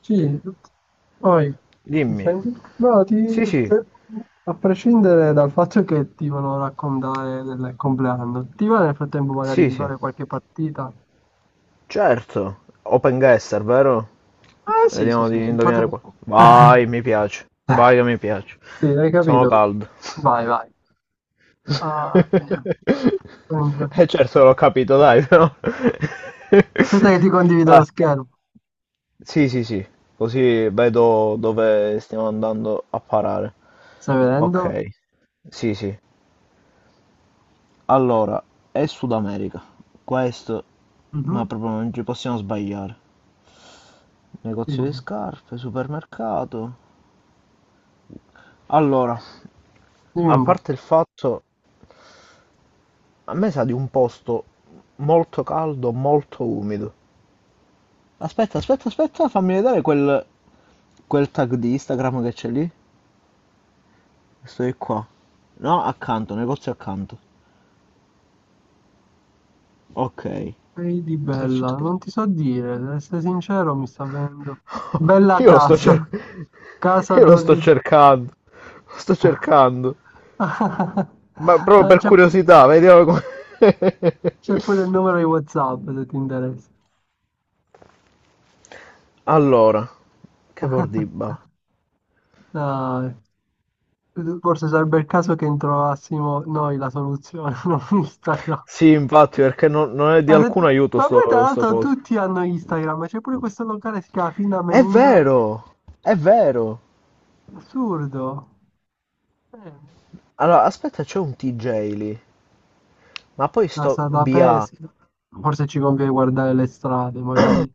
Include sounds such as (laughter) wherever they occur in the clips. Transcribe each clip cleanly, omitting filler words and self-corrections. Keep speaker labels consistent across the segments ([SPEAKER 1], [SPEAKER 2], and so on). [SPEAKER 1] Sì, poi mi
[SPEAKER 2] Dimmi.
[SPEAKER 1] senti? No, ti,
[SPEAKER 2] Sì, sì,
[SPEAKER 1] a prescindere dal fatto che ti volevo raccontare del compleanno, ti va nel frattempo magari
[SPEAKER 2] sì,
[SPEAKER 1] di
[SPEAKER 2] sì,
[SPEAKER 1] fare qualche partita?
[SPEAKER 2] certo. Open guesser, vero?
[SPEAKER 1] Ah, sì, sì,
[SPEAKER 2] Vediamo
[SPEAKER 1] sì,
[SPEAKER 2] di
[SPEAKER 1] sì,
[SPEAKER 2] indovinare qua. Vai,
[SPEAKER 1] (laughs)
[SPEAKER 2] mi piace. Vai che mi piace.
[SPEAKER 1] Sì, hai
[SPEAKER 2] Sono
[SPEAKER 1] capito?
[SPEAKER 2] caldo.
[SPEAKER 1] Vai, vai. Ah, via, via.
[SPEAKER 2] (laughs) Eh certo, l'ho capito, dai, però. (laughs)
[SPEAKER 1] Aspetta che ti condivido lo
[SPEAKER 2] Ah,
[SPEAKER 1] schermo.
[SPEAKER 2] sì, sì, sì. Così vedo dove stiamo andando a parare.
[SPEAKER 1] Stai vedendo?
[SPEAKER 2] Ok, sì, sì. Allora, è Sud America. Questo, ma
[SPEAKER 1] Mhm.
[SPEAKER 2] proprio non ci possiamo sbagliare. Negozio di
[SPEAKER 1] Dimmi,
[SPEAKER 2] scarpe, supermercato. Allora,
[SPEAKER 1] dimmi
[SPEAKER 2] a
[SPEAKER 1] un po'.
[SPEAKER 2] parte il fatto, a me sa di un posto molto caldo, molto umido. Aspetta, aspetta, aspetta, fammi vedere quel tag di Instagram che c'è lì. Questo è qua. No, accanto, negozio accanto. Ok. Che
[SPEAKER 1] Ehi di
[SPEAKER 2] c'è
[SPEAKER 1] bella,
[SPEAKER 2] scritto?
[SPEAKER 1] non ti so dire, ad essere sincero, mi sta venendo. Bella
[SPEAKER 2] Io lo sto cer-
[SPEAKER 1] casa,
[SPEAKER 2] (laughs)
[SPEAKER 1] casa
[SPEAKER 2] io lo sto
[SPEAKER 1] 12.
[SPEAKER 2] cercando, lo sto cercando.
[SPEAKER 1] (laughs)
[SPEAKER 2] Ma proprio
[SPEAKER 1] Ah,
[SPEAKER 2] per
[SPEAKER 1] C'è
[SPEAKER 2] curiosità, vediamo come... (laughs)
[SPEAKER 1] c'è pure il numero di WhatsApp se ti interessa.
[SPEAKER 2] Allora, che
[SPEAKER 1] (laughs)
[SPEAKER 2] bordiba.
[SPEAKER 1] Dai. Forse sarebbe il caso che trovassimo noi la soluzione, (laughs) non Instagram.
[SPEAKER 2] Sì, infatti, perché non è di
[SPEAKER 1] Ma, se-
[SPEAKER 2] alcun aiuto
[SPEAKER 1] Ma poi tra
[SPEAKER 2] sto
[SPEAKER 1] l'altro
[SPEAKER 2] coso.
[SPEAKER 1] tutti hanno Instagram, c'è pure questo locale che si chiama Fina
[SPEAKER 2] È
[SPEAKER 1] Menina.
[SPEAKER 2] vero, è vero.
[SPEAKER 1] Assurdo. Eh,
[SPEAKER 2] Allora, aspetta, c'è un TJ lì. Ma poi sto
[SPEAKER 1] Casa da
[SPEAKER 2] BA.
[SPEAKER 1] pesca. Forse ci conviene guardare le strade, magari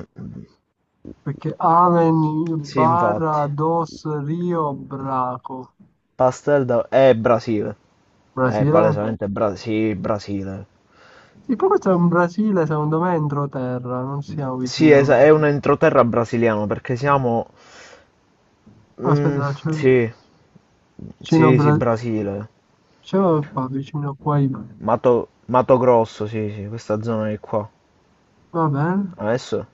[SPEAKER 1] perché Amen,
[SPEAKER 2] Sì, infatti.
[SPEAKER 1] Barra, Dos, Rio, Braco.
[SPEAKER 2] Pastel da... È Brasile. È
[SPEAKER 1] Brasile?
[SPEAKER 2] palesemente sì, Brasile.
[SPEAKER 1] Sì, poi questo è un Brasile, secondo me, entroterra, non siamo
[SPEAKER 2] Sì,
[SPEAKER 1] vicini al
[SPEAKER 2] è un
[SPEAKER 1] mondo.
[SPEAKER 2] entroterra brasiliano perché siamo... Mm,
[SPEAKER 1] Aspetta, c'è
[SPEAKER 2] sì,
[SPEAKER 1] vicino
[SPEAKER 2] sì, sì, Brasile.
[SPEAKER 1] C'era qua, vicino qua,
[SPEAKER 2] Mato, Mato Grosso, sì, sì, questa zona di qua.
[SPEAKER 1] va bene.
[SPEAKER 2] Adesso,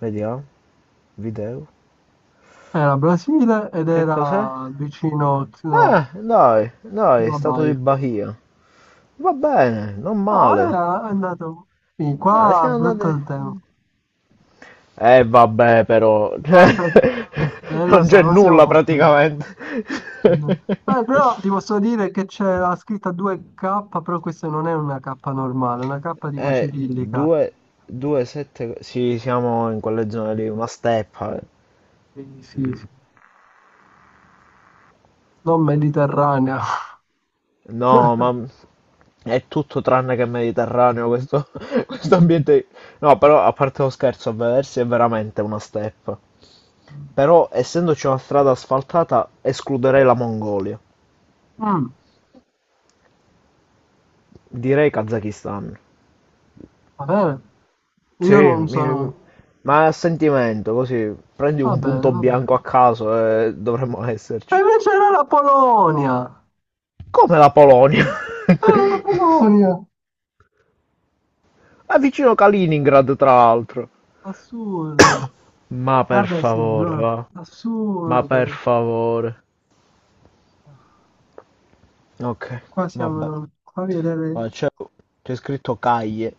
[SPEAKER 2] vediamo, video.
[SPEAKER 1] Era Brasile ed
[SPEAKER 2] Che cos'è?
[SPEAKER 1] era vicino, no,
[SPEAKER 2] Dai,
[SPEAKER 1] c'era
[SPEAKER 2] dai,
[SPEAKER 1] la
[SPEAKER 2] Stato di
[SPEAKER 1] Baia.
[SPEAKER 2] Bahia. Va bene, non
[SPEAKER 1] No,
[SPEAKER 2] male.
[SPEAKER 1] è andato sì,
[SPEAKER 2] Ah,
[SPEAKER 1] qua, è
[SPEAKER 2] siamo
[SPEAKER 1] brutto
[SPEAKER 2] andati...
[SPEAKER 1] il tempo.
[SPEAKER 2] Eh vabbè però, (laughs)
[SPEAKER 1] Aspetta, lo
[SPEAKER 2] non
[SPEAKER 1] so,
[SPEAKER 2] c'è
[SPEAKER 1] non siamo
[SPEAKER 2] nulla
[SPEAKER 1] fortunati.
[SPEAKER 2] praticamente.
[SPEAKER 1] Ah,
[SPEAKER 2] (laughs)
[SPEAKER 1] però ti posso dire che c'è la scritta 2K, però questa non è una K normale, è una K tipo cirillica.
[SPEAKER 2] 2, 2, 7, sì siamo in quelle zone lì, una steppa. Eh.
[SPEAKER 1] Sì, sì, sì, non mediterranea.
[SPEAKER 2] No,
[SPEAKER 1] (laughs)
[SPEAKER 2] ma è tutto tranne che mediterraneo questo, (laughs) questo ambiente. No, però a parte lo scherzo, a vedersi è veramente una steppa. Però essendoci una strada asfaltata escluderei la Mongolia,
[SPEAKER 1] Mm,
[SPEAKER 2] direi Kazakistan.
[SPEAKER 1] va bene, io
[SPEAKER 2] Sì,
[SPEAKER 1] non sono...
[SPEAKER 2] ma a sentimento, così prendi
[SPEAKER 1] Va
[SPEAKER 2] un
[SPEAKER 1] bene,
[SPEAKER 2] punto
[SPEAKER 1] va
[SPEAKER 2] bianco a
[SPEAKER 1] bene.
[SPEAKER 2] caso e dovremmo
[SPEAKER 1] E
[SPEAKER 2] esserci.
[SPEAKER 1] invece era la Polonia!
[SPEAKER 2] Come la Polonia? (laughs)
[SPEAKER 1] Era la Polonia!
[SPEAKER 2] È vicino Kaliningrad, tra l'altro.
[SPEAKER 1] Assurdo.
[SPEAKER 2] Ma per
[SPEAKER 1] Vabbè, sì,
[SPEAKER 2] favore,
[SPEAKER 1] allora,
[SPEAKER 2] va. Ma per
[SPEAKER 1] assurdo.
[SPEAKER 2] favore. Ok,
[SPEAKER 1] Qua
[SPEAKER 2] vabbè.
[SPEAKER 1] siamo... Qua vedere...
[SPEAKER 2] Ma c'è scritto Caglie,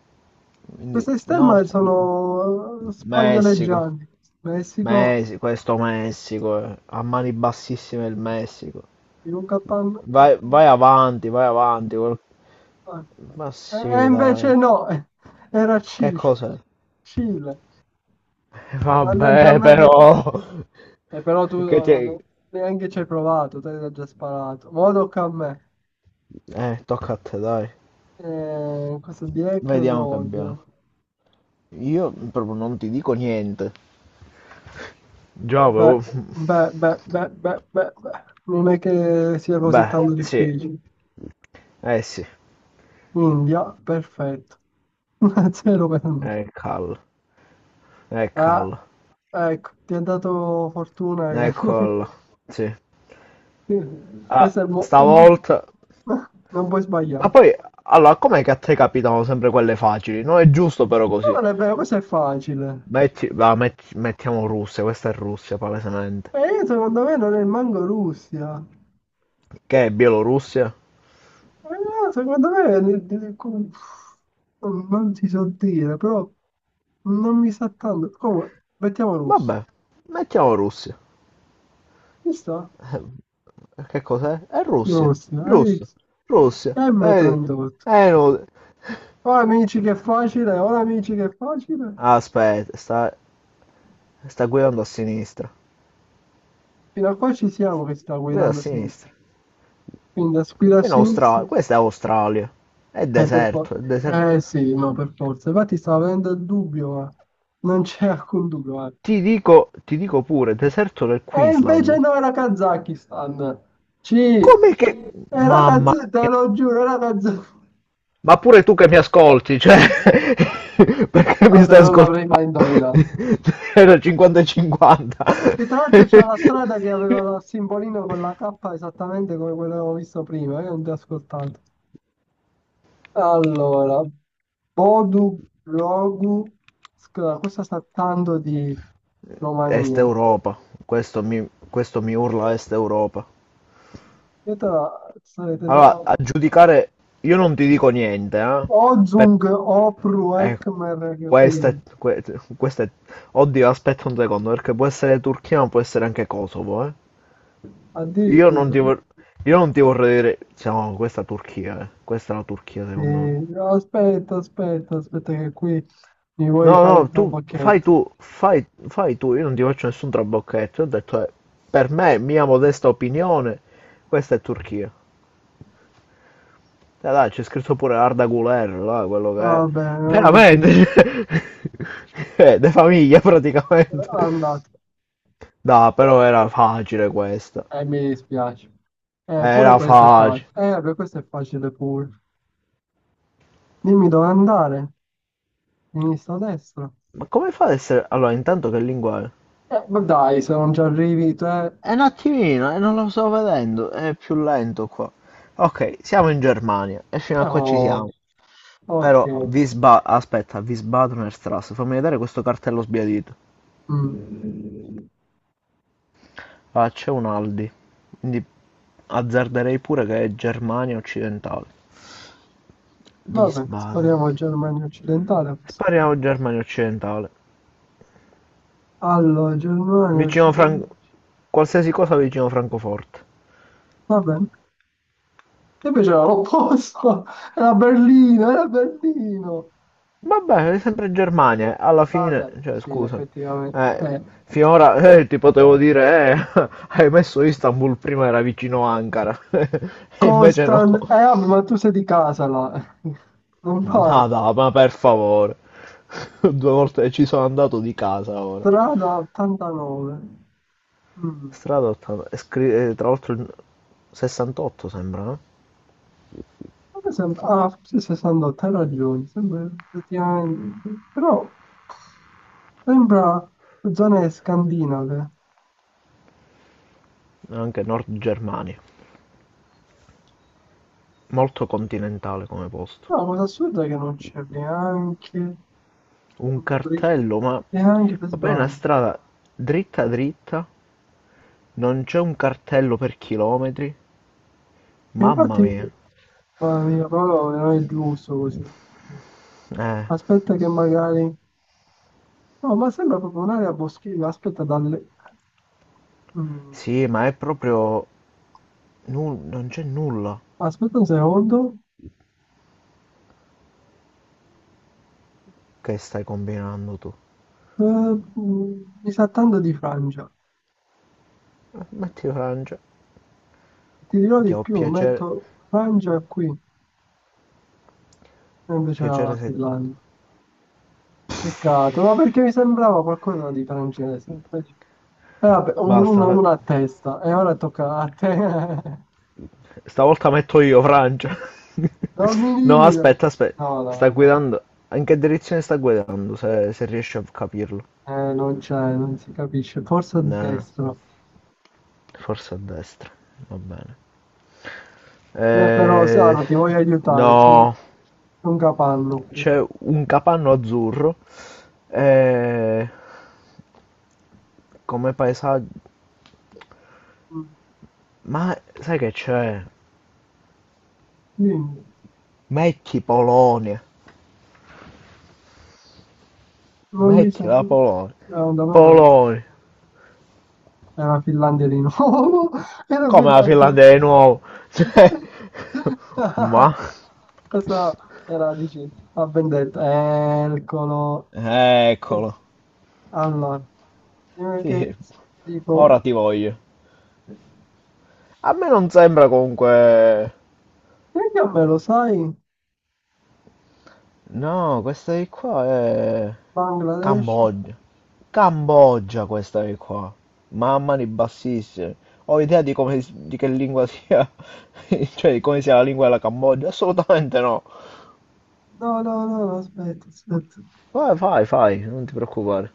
[SPEAKER 2] quindi
[SPEAKER 1] Queste stemme
[SPEAKER 2] Nord
[SPEAKER 1] sono
[SPEAKER 2] Messico.
[SPEAKER 1] spagnoleggianti. Messico,
[SPEAKER 2] Messico, questo Messico, eh. A mani bassissime il Messico.
[SPEAKER 1] Yucatan...
[SPEAKER 2] Vai, vai avanti, vai avanti. Ma
[SPEAKER 1] eh. E
[SPEAKER 2] sì,
[SPEAKER 1] invece
[SPEAKER 2] dai.
[SPEAKER 1] no, (laughs) era
[SPEAKER 2] Che
[SPEAKER 1] Cile.
[SPEAKER 2] cosa?
[SPEAKER 1] Cile. Mannaggia a
[SPEAKER 2] Vabbè,
[SPEAKER 1] me che ti...
[SPEAKER 2] però. (laughs)
[SPEAKER 1] Però tu
[SPEAKER 2] Che ti...
[SPEAKER 1] neanche ci hai provato, te l'hai già sparato. Ora tocca a me.
[SPEAKER 2] Tocca a te, dai.
[SPEAKER 1] Questo di Hack and
[SPEAKER 2] Vediamo che
[SPEAKER 1] Road.
[SPEAKER 2] abbiamo. Io proprio non ti dico niente. Già
[SPEAKER 1] Beh,
[SPEAKER 2] avevo.
[SPEAKER 1] beh, beh, beh, beh, beh, beh. Non è che sia così
[SPEAKER 2] Beh,
[SPEAKER 1] tanto
[SPEAKER 2] sì.
[SPEAKER 1] difficile.
[SPEAKER 2] Eh sì.
[SPEAKER 1] India, perfetto. (laughs) Zero per me.
[SPEAKER 2] Eccolo.
[SPEAKER 1] Ah,
[SPEAKER 2] Eccolo.
[SPEAKER 1] ecco, ti ha dato fortuna
[SPEAKER 2] Eccolo. Sì.
[SPEAKER 1] che... (laughs)
[SPEAKER 2] Ah,
[SPEAKER 1] questo è molto...
[SPEAKER 2] stavolta...
[SPEAKER 1] (laughs) Non puoi
[SPEAKER 2] Ma
[SPEAKER 1] sbagliare.
[SPEAKER 2] poi, allora, com'è che a te capitano sempre quelle facili? Non è giusto però
[SPEAKER 1] Ma
[SPEAKER 2] così.
[SPEAKER 1] non è vero, questo è facile.
[SPEAKER 2] Metti... va, Mettiamo Russia, questa è Russia, palesemente.
[SPEAKER 1] E io secondo me non è manco Russia.
[SPEAKER 2] Che è Bielorussia?
[SPEAKER 1] Secondo me non ti so dire, però non mi sa tanto. Comunque, mettiamo Russia.
[SPEAKER 2] Vabbè, mettiamo Russia.
[SPEAKER 1] Ci sta?
[SPEAKER 2] Che cos'è? È Russia.
[SPEAKER 1] Russia, hai
[SPEAKER 2] Russia.
[SPEAKER 1] visto?
[SPEAKER 2] Russia. Vedi?
[SPEAKER 1] M38.
[SPEAKER 2] È inutile.
[SPEAKER 1] Oh amici che facile, oh amici che facile.
[SPEAKER 2] Aspetta, sta guidando a sinistra.
[SPEAKER 1] Fino a qua ci siamo che sta
[SPEAKER 2] Guida a
[SPEAKER 1] guidando a sinistra.
[SPEAKER 2] sinistra.
[SPEAKER 1] Quindi da guida a
[SPEAKER 2] In
[SPEAKER 1] sinistra.
[SPEAKER 2] Australia. Questa è Australia. È
[SPEAKER 1] Per forza.
[SPEAKER 2] deserto, è deserto.
[SPEAKER 1] Eh sì, no, per forza. Infatti stavo avendo il dubbio, ma non c'è alcun dubbio, guarda.
[SPEAKER 2] Ti dico pure, deserto del
[SPEAKER 1] E invece
[SPEAKER 2] Queensland.
[SPEAKER 1] no, era Kazakistan. C.
[SPEAKER 2] Come che...
[SPEAKER 1] È la
[SPEAKER 2] Mamma
[SPEAKER 1] canzone, te
[SPEAKER 2] mia.
[SPEAKER 1] lo giuro, è la canzone.
[SPEAKER 2] Ma pure tu che mi ascolti, cioè... (laughs) Perché mi
[SPEAKER 1] Vabbè,
[SPEAKER 2] stai
[SPEAKER 1] non
[SPEAKER 2] ascoltando?
[SPEAKER 1] l'avrei mai indovinata.
[SPEAKER 2] (laughs) Era 50 e 50.
[SPEAKER 1] Che tra l'altro c'è una strada che aveva il
[SPEAKER 2] (laughs)
[SPEAKER 1] simbolino con la K esattamente come quello che avevo visto prima, io non ti ho ascoltato. Allora, Bodu Grogu, scusa, questa sta tanto di
[SPEAKER 2] Est
[SPEAKER 1] Romania.
[SPEAKER 2] Europa, questo mi urla Est Europa.
[SPEAKER 1] Io te la sto
[SPEAKER 2] Allora, a
[SPEAKER 1] vedendo.
[SPEAKER 2] giudicare, io non ti dico niente, per-
[SPEAKER 1] Ozung Opru
[SPEAKER 2] eh,
[SPEAKER 1] Ekmer
[SPEAKER 2] questa
[SPEAKER 1] Gepiri.
[SPEAKER 2] è, que- questa è- oddio, aspetta un secondo, perché può essere Turchia, ma può essere anche Kosovo, eh. Io non
[SPEAKER 1] Addirittura.
[SPEAKER 2] ti, vor- io non ti vorrei dire. Cioè, no, questa è Turchia, questa è la Turchia,
[SPEAKER 1] Sì,
[SPEAKER 2] secondo me.
[SPEAKER 1] aspetta, aspetta, aspetta, che qui mi
[SPEAKER 2] No,
[SPEAKER 1] vuoi fare
[SPEAKER 2] no,
[SPEAKER 1] il
[SPEAKER 2] tu, fai
[SPEAKER 1] trabocchetto.
[SPEAKER 2] tu, fai, fai tu, io non ti faccio nessun trabocchetto. Io ho detto, per me, mia modesta opinione, questa è Turchia. Dai, dai, c'è scritto pure Arda Guler, là, quello che è.
[SPEAKER 1] Vabbè, anche ci...
[SPEAKER 2] Veramente, (laughs) cioè, de famiglia praticamente.
[SPEAKER 1] Andate.
[SPEAKER 2] No, però era facile questa.
[SPEAKER 1] Mi dispiace. Pure
[SPEAKER 2] Era
[SPEAKER 1] questo è
[SPEAKER 2] facile.
[SPEAKER 1] facile. Vabbè, questo è facile pure. Dimmi dove andare. Sinistra o destra?
[SPEAKER 2] Ma come fa ad essere... Allora, intanto che lingua è?
[SPEAKER 1] Ma dai, se non ci arrivi, te...
[SPEAKER 2] È un attimino, e non lo sto vedendo, è più lento qua. Ok, siamo in Germania e fino a qua ci siamo.
[SPEAKER 1] Oh, ok.
[SPEAKER 2] Aspetta, Wiesbadener Straße, fammi vedere questo cartello sbiadito.
[SPEAKER 1] Mm.
[SPEAKER 2] Ah, c'è un Aldi, quindi azzarderei pure che è Germania occidentale.
[SPEAKER 1] Vabbè,
[SPEAKER 2] Wiesbaden.
[SPEAKER 1] spariamo Germania occidentale a questo.
[SPEAKER 2] Spariamo Germania occidentale.
[SPEAKER 1] Allora, Germania
[SPEAKER 2] Vicino Fran-
[SPEAKER 1] occidentale.
[SPEAKER 2] qualsiasi cosa vicino Francoforte.
[SPEAKER 1] Va bene. E invece era l'opposto. (laughs) Era Berlino, era Berlino.
[SPEAKER 2] Vabbè, è sempre Germania. Eh. Alla fine,
[SPEAKER 1] Vabbè,
[SPEAKER 2] cioè,
[SPEAKER 1] sì,
[SPEAKER 2] scusami.
[SPEAKER 1] effettivamente,
[SPEAKER 2] Eh,
[SPEAKER 1] eh.
[SPEAKER 2] finora (laughs) ti potevo dire, (laughs) hai messo Istanbul prima, era vicino Ankara. (laughs) E invece no.
[SPEAKER 1] Constan, eh vabbè, ma tu sei di casa là, (laughs) non vale,
[SPEAKER 2] Ma dai, ma per favore. (laughs) Due volte ci sono andato di casa ora.
[SPEAKER 1] strada 89, mm.
[SPEAKER 2] Strada 80. Tra l'altro il 68 sembra, no?
[SPEAKER 1] A me sembra, ah, forse 68, hai ragione, sembra effettivamente, però sembra zone scandinave,
[SPEAKER 2] Anche Nord Germania. Molto continentale come posto.
[SPEAKER 1] no, la cosa assurda è che non c'è neanche
[SPEAKER 2] Un
[SPEAKER 1] un bridge,
[SPEAKER 2] cartello, ma...
[SPEAKER 1] neanche per
[SPEAKER 2] ma poi è una
[SPEAKER 1] sbaglio.
[SPEAKER 2] strada dritta dritta, non c'è un cartello per chilometri.
[SPEAKER 1] E
[SPEAKER 2] Mamma
[SPEAKER 1] infatti,
[SPEAKER 2] mia.
[SPEAKER 1] mamma mia, però non è giusto così,
[SPEAKER 2] Eh,
[SPEAKER 1] aspetta che magari, no, ma sembra proprio un'area boschiva, aspetta dalle... mm.
[SPEAKER 2] sì, ma è proprio... non c'è nulla
[SPEAKER 1] Aspetta un secondo.
[SPEAKER 2] che stai combinando tu.
[SPEAKER 1] Mi sa tanto di Francia.
[SPEAKER 2] Metti Francia.
[SPEAKER 1] Ti dirò
[SPEAKER 2] Che
[SPEAKER 1] di
[SPEAKER 2] ho
[SPEAKER 1] più,
[SPEAKER 2] piacere...
[SPEAKER 1] metto Francia qui, e
[SPEAKER 2] ho
[SPEAKER 1] invece era
[SPEAKER 2] piacere
[SPEAKER 1] la
[SPEAKER 2] se...
[SPEAKER 1] Finlandia. Peccato, ma perché mi sembrava qualcosa di francese. Invece... vabbè,
[SPEAKER 2] Basta,
[SPEAKER 1] una a testa, e ora tocca a te. (laughs)
[SPEAKER 2] stavolta metto io Francia. (laughs)
[SPEAKER 1] Dammi
[SPEAKER 2] No,
[SPEAKER 1] dire.
[SPEAKER 2] aspetta, aspetta.
[SPEAKER 1] No,
[SPEAKER 2] Sta
[SPEAKER 1] no, no.
[SPEAKER 2] guidando... In che direzione sta guidando, se riesci a capirlo?
[SPEAKER 1] Non c'è, non si capisce. Forse a
[SPEAKER 2] Nah,
[SPEAKER 1] destra.
[SPEAKER 2] forse a destra. Va bene.
[SPEAKER 1] Però,
[SPEAKER 2] Eh,
[SPEAKER 1] Sara, ti voglio aiutare,
[SPEAKER 2] no,
[SPEAKER 1] un capanno qui.
[SPEAKER 2] c'è un capanno azzurro e come paesaggio...
[SPEAKER 1] Mm,
[SPEAKER 2] Ma sai che c'è?
[SPEAKER 1] dimmi,
[SPEAKER 2] Metti Polonia,
[SPEAKER 1] non mi
[SPEAKER 2] metti
[SPEAKER 1] sento...
[SPEAKER 2] la Polonia,
[SPEAKER 1] Secondo me non è.
[SPEAKER 2] Polonia,
[SPEAKER 1] Era Finlandia di nuovo, (laughs) era
[SPEAKER 2] come la
[SPEAKER 1] Finlandia.
[SPEAKER 2] Finlandia di nuovo. (laughs) Cioè, ma...
[SPEAKER 1] (laughs) Questa era, dici, a vendetta. Eccolo.
[SPEAKER 2] Eccolo,
[SPEAKER 1] Allora, prima che
[SPEAKER 2] sì,
[SPEAKER 1] dico,
[SPEAKER 2] ora ti voglio. A me non sembra comunque...
[SPEAKER 1] perché a me lo sai?
[SPEAKER 2] No, questa di qua è
[SPEAKER 1] Bangladesh?
[SPEAKER 2] Cambogia. Cambogia questa è qua. Mamma mia, bassissimi. Ho idea di come di che lingua sia, (laughs) cioè di come sia la lingua della Cambogia? Assolutamente no.
[SPEAKER 1] No, no, no, no, aspetta, aspetta.
[SPEAKER 2] Vai, fai, fai, non ti preoccupare.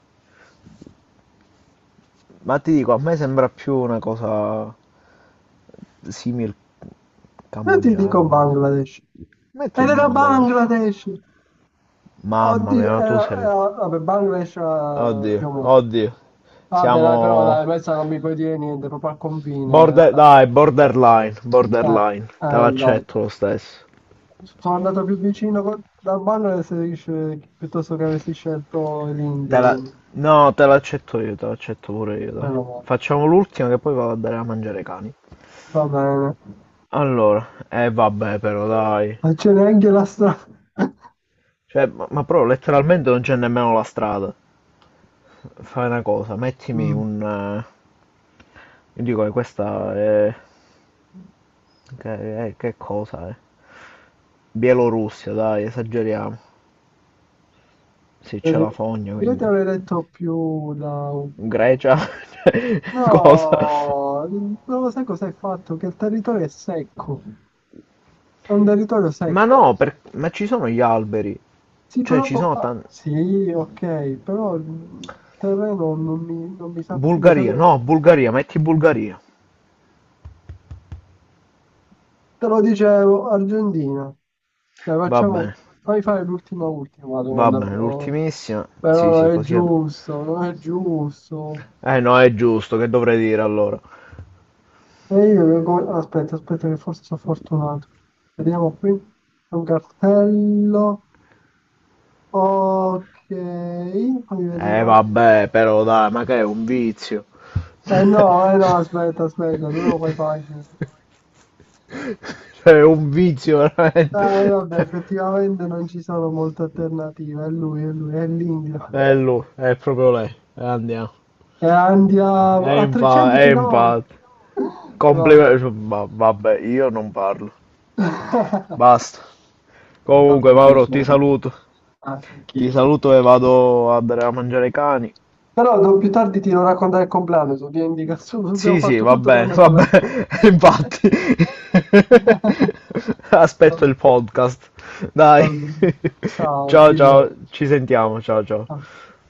[SPEAKER 2] Ma ti dico, a me sembra più una cosa simil
[SPEAKER 1] Io ti dico
[SPEAKER 2] cambogiano.
[SPEAKER 1] Bangladesh.
[SPEAKER 2] Metti
[SPEAKER 1] Ed era
[SPEAKER 2] Bangladesh.
[SPEAKER 1] Bangladesh!
[SPEAKER 2] Mamma mia,
[SPEAKER 1] Oddio,
[SPEAKER 2] ma tu sei.
[SPEAKER 1] vabbè, Bangladesh era
[SPEAKER 2] Oddio,
[SPEAKER 1] più o meno.
[SPEAKER 2] oddio.
[SPEAKER 1] Vabbè, dai,
[SPEAKER 2] Siamo
[SPEAKER 1] però dai, questa non mi puoi dire niente, proprio al confine.
[SPEAKER 2] border, dai, borderline,
[SPEAKER 1] Eh,
[SPEAKER 2] borderline. Te
[SPEAKER 1] dai.
[SPEAKER 2] l'accetto lo stesso.
[SPEAKER 1] Sono andato più vicino dal Bangladesh piuttosto che avessi scelto l'India,
[SPEAKER 2] Te la...
[SPEAKER 1] quindi,
[SPEAKER 2] No, te l'accetto io, te l'accetto pure io, dai.
[SPEAKER 1] meno male.
[SPEAKER 2] Facciamo l'ultima che poi vado a dare a mangiare ai cani.
[SPEAKER 1] Va bene.
[SPEAKER 2] Allora, eh vabbè però dai.
[SPEAKER 1] Ma c'è neanche la strada. (laughs)
[SPEAKER 2] Cioè, ma però letteralmente non c'è nemmeno la strada. Fai una cosa, mettimi
[SPEAKER 1] Mm.
[SPEAKER 2] un... io dico che questa è... che cosa è? Bielorussia, dai, esageriamo. Sì, c'è la
[SPEAKER 1] Per-
[SPEAKER 2] fogna,
[SPEAKER 1] Io ti
[SPEAKER 2] quindi...
[SPEAKER 1] avrei detto più da...
[SPEAKER 2] Grecia? (laughs) Cioè, cosa?
[SPEAKER 1] No, non lo sai cosa hai fatto, che il territorio è secco, è un territorio
[SPEAKER 2] Ma
[SPEAKER 1] secco.
[SPEAKER 2] no, ma ci sono gli alberi.
[SPEAKER 1] Sì,
[SPEAKER 2] Cioè,
[SPEAKER 1] però...
[SPEAKER 2] ci sono
[SPEAKER 1] ah,
[SPEAKER 2] tanti...
[SPEAKER 1] sì, ok, però il terreno non mi sa...
[SPEAKER 2] Bulgaria, no, Bulgaria, metti Bulgaria.
[SPEAKER 1] Te lo dicevo, Argentina. Dai,
[SPEAKER 2] Va
[SPEAKER 1] facciamo...
[SPEAKER 2] bene,
[SPEAKER 1] Fai fare l'ultima ultima
[SPEAKER 2] va
[SPEAKER 1] domanda,
[SPEAKER 2] bene,
[SPEAKER 1] però...
[SPEAKER 2] l'ultimissima. Sì,
[SPEAKER 1] Però
[SPEAKER 2] sì,
[SPEAKER 1] non è
[SPEAKER 2] così. È-
[SPEAKER 1] giusto, non è giusto.
[SPEAKER 2] Eh no, è giusto, che dovrei dire allora?
[SPEAKER 1] E io... aspetta, aspetta, che forse sono fortunato. Vediamo qui. C'è un cartello. Ok. Fammi vedere un
[SPEAKER 2] Eh
[SPEAKER 1] attimo.
[SPEAKER 2] vabbè, però dai, ma che è un vizio.
[SPEAKER 1] Eh no,
[SPEAKER 2] (laughs)
[SPEAKER 1] eh no, aspetta, aspetta, tu lo fai facile.
[SPEAKER 2] Cioè, è un vizio
[SPEAKER 1] Ah,
[SPEAKER 2] veramente.
[SPEAKER 1] vabbè,
[SPEAKER 2] (laughs)
[SPEAKER 1] effettivamente non ci sono molte alternative. È lui, è lui, è l'India.
[SPEAKER 2] È lui, è proprio lei. Andiamo.
[SPEAKER 1] E
[SPEAKER 2] È
[SPEAKER 1] andiamo a
[SPEAKER 2] infatti,
[SPEAKER 1] 300
[SPEAKER 2] è
[SPEAKER 1] km.
[SPEAKER 2] infatti.
[SPEAKER 1] Vabbè.
[SPEAKER 2] Complimenti. Vabbè, io non parlo.
[SPEAKER 1] (laughs)
[SPEAKER 2] Basta.
[SPEAKER 1] È stato
[SPEAKER 2] Comunque,
[SPEAKER 1] un
[SPEAKER 2] Mauro, ti
[SPEAKER 1] piacere.
[SPEAKER 2] saluto.
[SPEAKER 1] Ah,
[SPEAKER 2] Ti
[SPEAKER 1] anch'io.
[SPEAKER 2] saluto e vado a dare a mangiare ai cani.
[SPEAKER 1] Però più tardi ti devo raccontare il compleanno, so, via indicazione, (laughs) abbiamo
[SPEAKER 2] Sì, sì,
[SPEAKER 1] fatto tutto tranne
[SPEAKER 2] va
[SPEAKER 1] parlare del
[SPEAKER 2] bene,
[SPEAKER 1] compleanno.
[SPEAKER 2] (laughs) infatti.
[SPEAKER 1] (laughs)
[SPEAKER 2] (laughs) Aspetto
[SPEAKER 1] Vabbè.
[SPEAKER 2] il podcast. Dai. (laughs)
[SPEAKER 1] Ciao,
[SPEAKER 2] Ciao, ciao, ci sentiamo, ciao, ciao.
[SPEAKER 1] ciao, ciao.